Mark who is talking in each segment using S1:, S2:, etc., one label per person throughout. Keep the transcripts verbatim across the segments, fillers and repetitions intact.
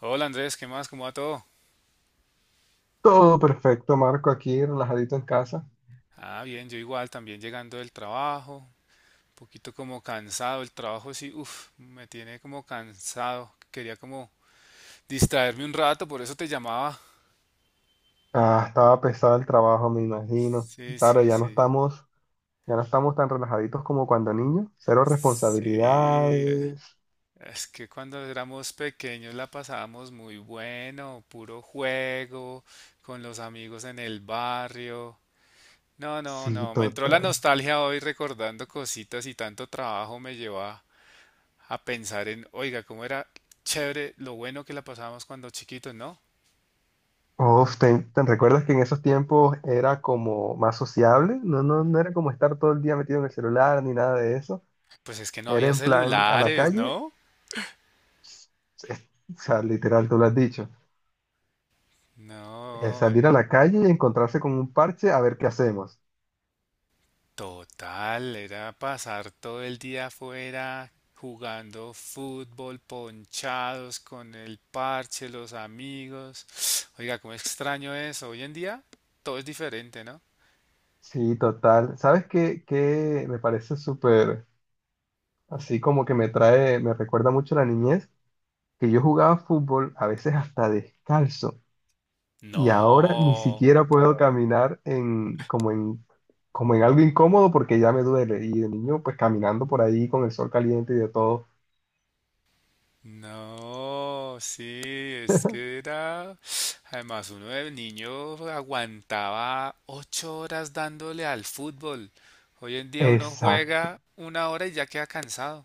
S1: Hola Andrés, ¿qué más? ¿Cómo va todo?
S2: Todo perfecto, Marco, aquí relajadito en casa.
S1: Ah, bien, yo igual, también llegando del trabajo, un poquito como cansado, el trabajo sí, uff, me tiene como cansado, quería como distraerme un rato, por eso te llamaba.
S2: Ah, estaba pesado el trabajo, me imagino.
S1: Sí,
S2: Claro,
S1: sí,
S2: ya no
S1: sí,
S2: estamos, ya no estamos tan relajaditos como cuando niños. Cero
S1: sí,
S2: responsabilidades.
S1: es que cuando éramos pequeños la pasábamos muy bueno, puro juego, con los amigos en el barrio. No, no,
S2: Sí,
S1: no, me entró la
S2: total.
S1: nostalgia hoy recordando cositas y tanto trabajo me llevó a pensar en, oiga, cómo era chévere lo bueno que la pasábamos cuando chiquitos, ¿no?
S2: Uf, ¿te, te recuerdas que en esos tiempos era como más sociable? No, no, no era como estar todo el día metido en el celular ni nada de eso.
S1: Pues es que no
S2: Era
S1: había
S2: en plan a la
S1: celulares,
S2: calle,
S1: ¿no?
S2: es- o sea, literal, tú lo has dicho. Eh,
S1: No,
S2: salir
S1: eh,
S2: a la calle y encontrarse con un parche a ver qué hacemos.
S1: total, era pasar todo el día afuera jugando fútbol, ponchados con el parche, los amigos. Oiga, cómo extraño eso. Hoy en día todo es diferente, ¿no?
S2: Sí, total. ¿Sabes qué, qué me parece súper, así como que me trae, me recuerda mucho a la niñez, que yo jugaba fútbol a veces hasta descalzo y ahora ni
S1: No.
S2: siquiera puedo caminar en, como en, como en algo incómodo porque ya me duele? Y de niño, pues caminando por ahí con el sol caliente y de todo.
S1: No, sí, es que era... Además, uno de niño aguantaba ocho horas dándole al fútbol. Hoy en día uno
S2: Exacto.
S1: juega una hora y ya queda cansado.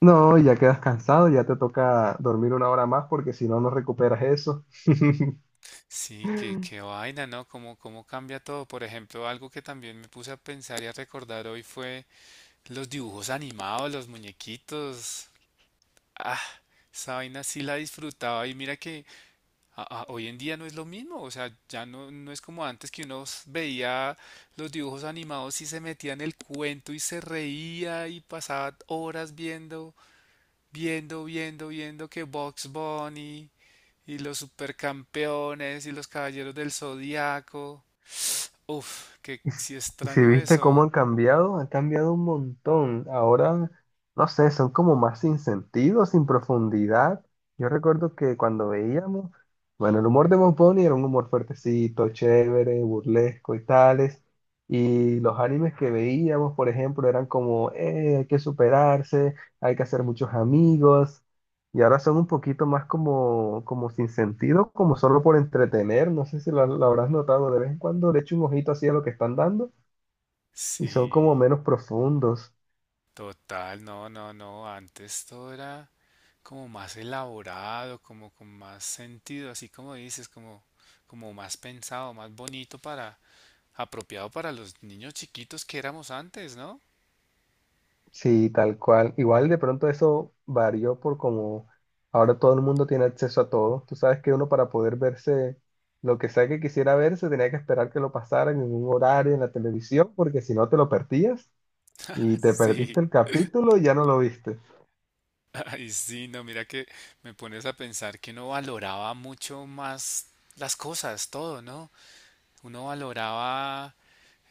S2: No, ya quedas cansado, ya te toca dormir una hora más porque si no, no recuperas eso.
S1: Sí, qué, qué vaina, ¿no? ¿Cómo, cómo cambia todo? Por ejemplo, algo que también me puse a pensar y a recordar hoy fue los dibujos animados, los muñequitos. Ah, esa vaina sí la disfrutaba y mira que a- a- hoy en día no es lo mismo, o sea, ya no, no es como antes que uno s- veía los dibujos animados y se metía en el cuento y se reía y pasaba horas viendo, viendo, viendo, viendo que Bugs Bunny y los supercampeones y los caballeros del Zodiaco. Uf, que
S2: Y, s-
S1: sí
S2: y si
S1: extraño
S2: viste cómo
S1: eso.
S2: han cambiado, han cambiado un montón. Ahora, no sé, son como más sin sentido, sin profundidad. Yo recuerdo que cuando veíamos, bueno, el humor de Bob Bunny era un humor fuertecito, chévere, burlesco y tales. Y los animes que veíamos, por ejemplo, eran como, eh, hay que superarse, hay que hacer muchos amigos. Y ahora son un poquito más como, como sin sentido, como solo por entretener. No sé si lo, lo habrás notado. De vez en cuando le echo un ojito así a lo que están dando y son como
S1: Sí,
S2: menos profundos.
S1: total, no, no, no, antes todo era como más elaborado, como con más sentido, así como dices, como, como más pensado, más bonito para, apropiado para los niños chiquitos que éramos antes, ¿no?
S2: Sí, tal cual. Igual de pronto eso varió por como ahora todo el mundo tiene acceso a todo. Tú sabes que uno para poder verse lo que sea que quisiera verse tenía que esperar que lo pasaran en un horario en la televisión, porque si no te lo perdías y te
S1: Sí,
S2: perdiste el capítulo y ya no lo viste.
S1: ay, sí, no, mira que me pones a pensar que uno valoraba mucho más las cosas, todo, ¿no? Uno valoraba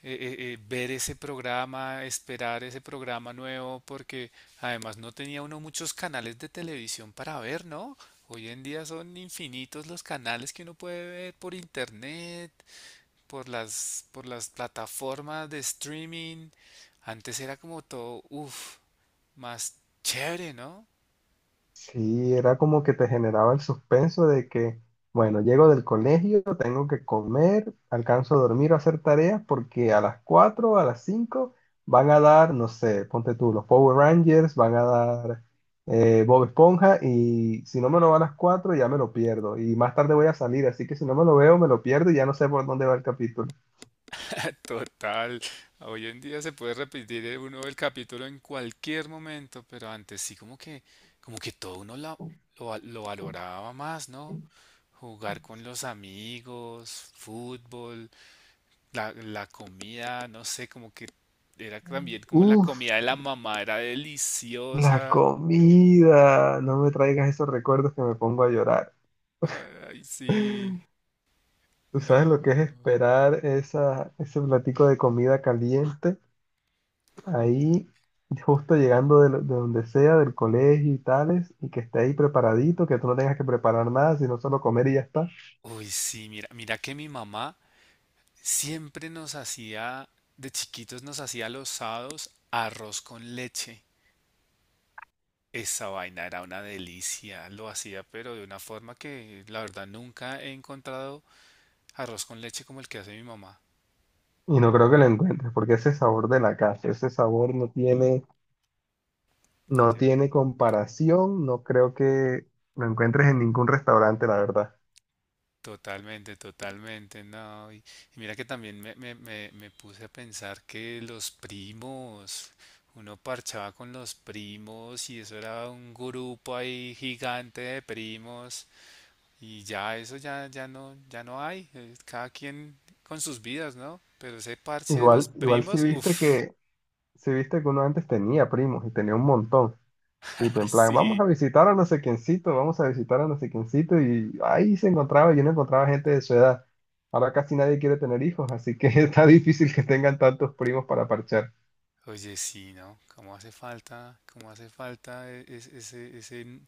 S1: eh, eh, eh, ver ese programa, esperar ese programa nuevo, porque además no tenía uno muchos canales de televisión para ver, ¿no? Hoy en día son infinitos los canales que uno puede ver por internet, por las, por las plataformas de streaming. Antes era como todo, uff, más chévere, ¿no?
S2: Sí, era como que te generaba el suspenso de que, bueno, llego del colegio, tengo que comer, alcanzo a dormir o hacer tareas porque a las cuatro, a las cinco van a dar, no sé, ponte tú, los Power Rangers, van a dar eh, Bob Esponja, y si no me lo va a las cuatro ya me lo pierdo y más tarde voy a salir, así que si no me lo veo me lo pierdo y ya no sé por dónde va el capítulo.
S1: Total, hoy en día se puede repetir eh, uno el capítulo en cualquier momento, pero antes sí como que, como que todo uno la- lo, va- lo valoraba más, ¿no? Jugar con los amigos, fútbol, la, la comida, no sé, como que era también como la
S2: Uf,
S1: comida de la mamá, era
S2: la
S1: deliciosa.
S2: comida, no me traigas esos recuerdos que me pongo a llorar.
S1: Ay, sí,
S2: ¿Tú sabes
S1: no.
S2: lo que es esperar esa, ese platico de comida caliente ahí, justo llegando de, lo- de donde sea, del colegio y tales, y que esté ahí preparadito, que tú no tengas que preparar nada, sino solo comer y ya está?
S1: Uy, sí, mira, mira que mi mamá siempre nos hacía, de chiquitos nos hacía los sábados arroz con leche. Esa vaina era una delicia, lo hacía pero de una forma que la verdad nunca he encontrado arroz con leche como el que hace mi mamá.
S2: Y no creo que lo encuentres, porque ese sabor de la casa, ese sabor no tiene,
S1: No
S2: no
S1: tiene-
S2: tiene comparación, no creo que lo encuentres en ningún restaurante, la verdad.
S1: Totalmente, totalmente, no. Y, y mira que también me, me, me, me puse a pensar que los primos, uno parchaba con los primos y eso era un grupo ahí gigante de primos. Y ya eso ya, ya no, ya no hay. eh, Cada quien con sus vidas, ¿no? Pero ese parche de los
S2: Igual, igual si
S1: primos,
S2: viste
S1: uff,
S2: que, si viste que uno antes tenía primos y tenía un montón. Tipo, en plan, vamos
S1: sí.
S2: a visitar a no sé quiéncito, vamos a visitar a no sé quiéncito, y ahí se encontraba, yo no encontraba gente de su edad. Ahora casi nadie quiere tener hijos, así que está difícil que tengan tantos primos para parchar.
S1: Oye, sí, ¿no? ¿Cómo hace falta, cómo hace falta e- es- ese, ese n-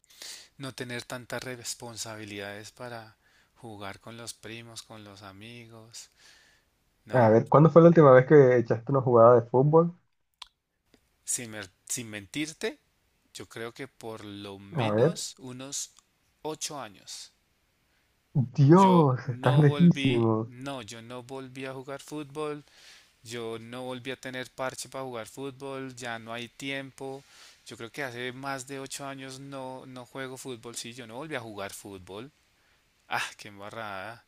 S1: no tener tantas responsabilidades para jugar con los primos, con los amigos?
S2: A
S1: No,
S2: ver, ¿cuándo fue la última vez que echaste una jugada de fútbol?
S1: sin, mer- sin mentirte, yo creo que por lo
S2: A ver.
S1: menos unos ocho años. Yo
S2: Dios,
S1: no
S2: estás
S1: volví,
S2: lejísimo.
S1: no, yo no volví a jugar fútbol. Yo no volví a tener parche para jugar fútbol, ya no hay tiempo. Yo creo que hace más de ocho años no, no juego fútbol, sí, yo no volví a jugar fútbol. Ah, qué embarrada.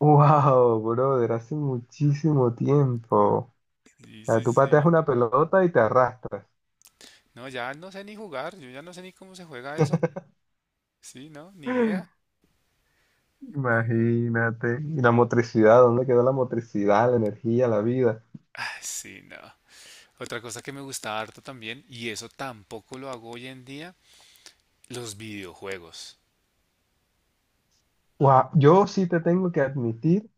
S2: Wow, brother, hace muchísimo tiempo. O
S1: Sí,
S2: sea,
S1: sí,
S2: tú pateas
S1: sí.
S2: una pelota y te arrastras.
S1: No, ya no sé ni jugar, yo ya no sé ni cómo se juega eso. Sí, no, ni idea.
S2: Imagínate. Y la motricidad, ¿dónde quedó la motricidad, la energía, la vida?
S1: Ah, sí, no. Otra cosa que me gustaba harto también, y eso tampoco lo hago hoy en día, los videojuegos.
S2: Guau, yo sí te tengo que admitir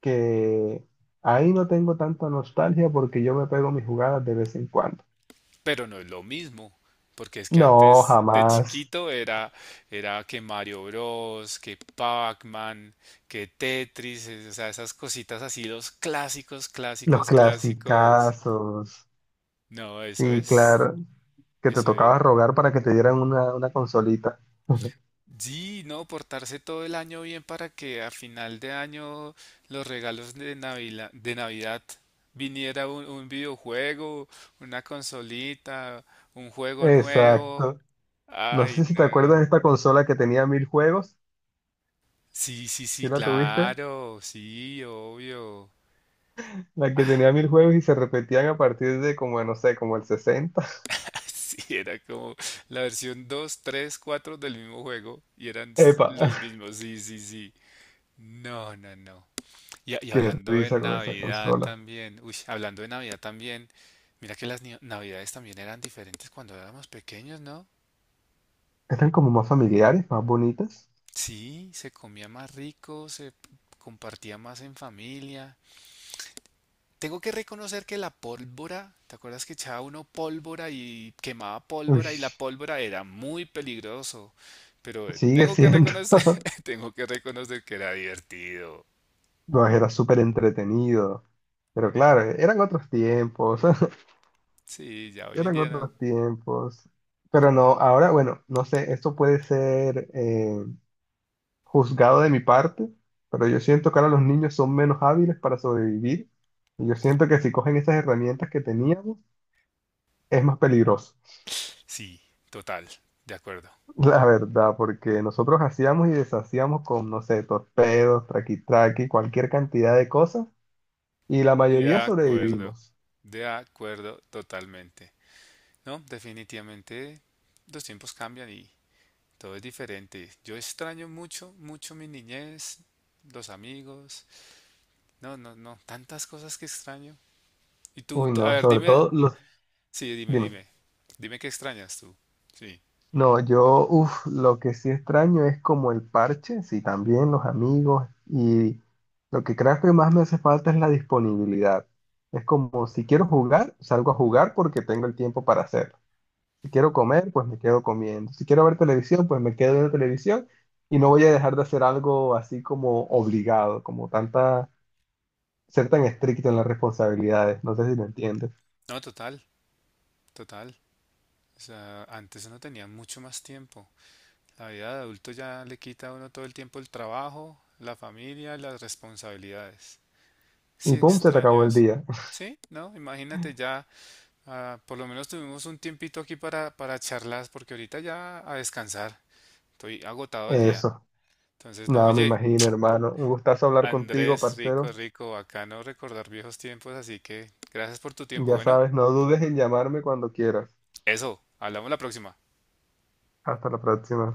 S2: que ahí no tengo tanta nostalgia porque yo me pego mis jugadas de vez en cuando.
S1: Pero no es lo mismo, porque es que
S2: No,
S1: antes de
S2: jamás.
S1: chiquito era, era, que Mario Bros, que Pac-Man, que Tetris, es- o sea, esas cositas así, los clásicos,
S2: Los
S1: clásicos, clásicos.
S2: clasicazos.
S1: No, eso
S2: Sí,
S1: es,
S2: claro. Que te
S1: eso
S2: tocaba
S1: es.
S2: rogar para que te dieran una, una consolita.
S1: Sí, no, portarse todo el año bien para que a final de año los regalos de Navidad, de Navidad viniera un, un videojuego, una consolita, un juego nuevo.
S2: Exacto. No
S1: Ay,
S2: sé si
S1: no.
S2: te acuerdas de esta consola que tenía mil juegos.
S1: Sí, sí, sí,
S2: ¿Sí la tuviste?
S1: claro, sí, obvio.
S2: La que tenía
S1: Ah,
S2: mil juegos y se repetían a partir de como, no sé, como el sesenta.
S1: sí, era como la versión dos, tres, cuatro del mismo juego y eran s-
S2: Epa,
S1: los mismos, sí, sí, sí. No, no, no. Y, a- y
S2: qué
S1: hablando de
S2: risa con esa
S1: Navidad
S2: consola.
S1: también, uy, hablando de Navidad también, mira que las ni- Navidades también eran diferentes cuando éramos pequeños, ¿no?
S2: Eran como más familiares, más bonitas.
S1: Sí, se comía más rico, se p- compartía más en familia. Tengo que reconocer que la pólvora, ¿te acuerdas que echaba uno pólvora y quemaba
S2: Uy,
S1: pólvora y la pólvora era muy peligroso? Pero eh,
S2: sigue
S1: tengo que
S2: siendo.
S1: reconocer, tengo que reconocer que era divertido.
S2: No, era súper entretenido. Pero claro, eran otros tiempos.
S1: Sí, ya hoy en
S2: Eran
S1: día no.
S2: otros tiempos. Pero no, ahora, bueno, no sé, esto puede ser eh, juzgado de mi parte, pero yo siento que ahora los niños son menos hábiles para sobrevivir. Y yo siento que si cogen esas herramientas que teníamos, es más peligroso.
S1: Sí, total, de acuerdo.
S2: La verdad, porque nosotros hacíamos y deshacíamos con, no sé, torpedos, traqui-traqui, cualquier cantidad de cosas, y la
S1: De
S2: mayoría
S1: acuerdo,
S2: sobrevivimos.
S1: de acuerdo totalmente. No, definitivamente los tiempos cambian y todo es diferente. Yo extraño mucho, mucho mi niñez, los amigos. No, no, no, tantas cosas que extraño. Y tú,
S2: Uy,
S1: tú- a
S2: no,
S1: ver,
S2: sobre
S1: dime,
S2: todo los...
S1: sí, dime,
S2: Dime.
S1: dime, dime qué extrañas tú. Sí,
S2: No, yo, uff, lo que sí extraño es como el parche, sí, también los amigos, y lo que creo que más me hace falta es la disponibilidad. Es como, si quiero jugar, salgo a jugar porque tengo el tiempo para hacerlo. Si quiero comer, pues me quedo comiendo. Si quiero ver televisión, pues me quedo viendo televisión y no voy a dejar de hacer algo así como obligado, como tanta, ser tan estricto en las responsabilidades. No sé si me entiendes.
S1: no, total, total. O sea, antes uno tenía mucho más tiempo. La vida de adulto ya le quita a uno todo el tiempo el trabajo, la familia, las responsabilidades.
S2: Y
S1: Sí
S2: pum, se te
S1: extraño
S2: acabó el
S1: eso.
S2: día.
S1: Sí, no, imagínate ya, ah, por lo menos tuvimos un tiempito aquí para, para charlas, porque ahorita ya a descansar. Estoy agotado el día.
S2: Eso.
S1: Entonces, no,
S2: Nada, me
S1: oye.
S2: imagino, hermano. Un gustazo hablar contigo,
S1: Andrés, rico,
S2: parcero.
S1: rico, bacano recordar viejos tiempos, así que gracias por tu tiempo.
S2: Ya
S1: Bueno,
S2: sabes, no dudes en llamarme cuando quieras.
S1: eso, hablamos la próxima.
S2: Hasta la próxima.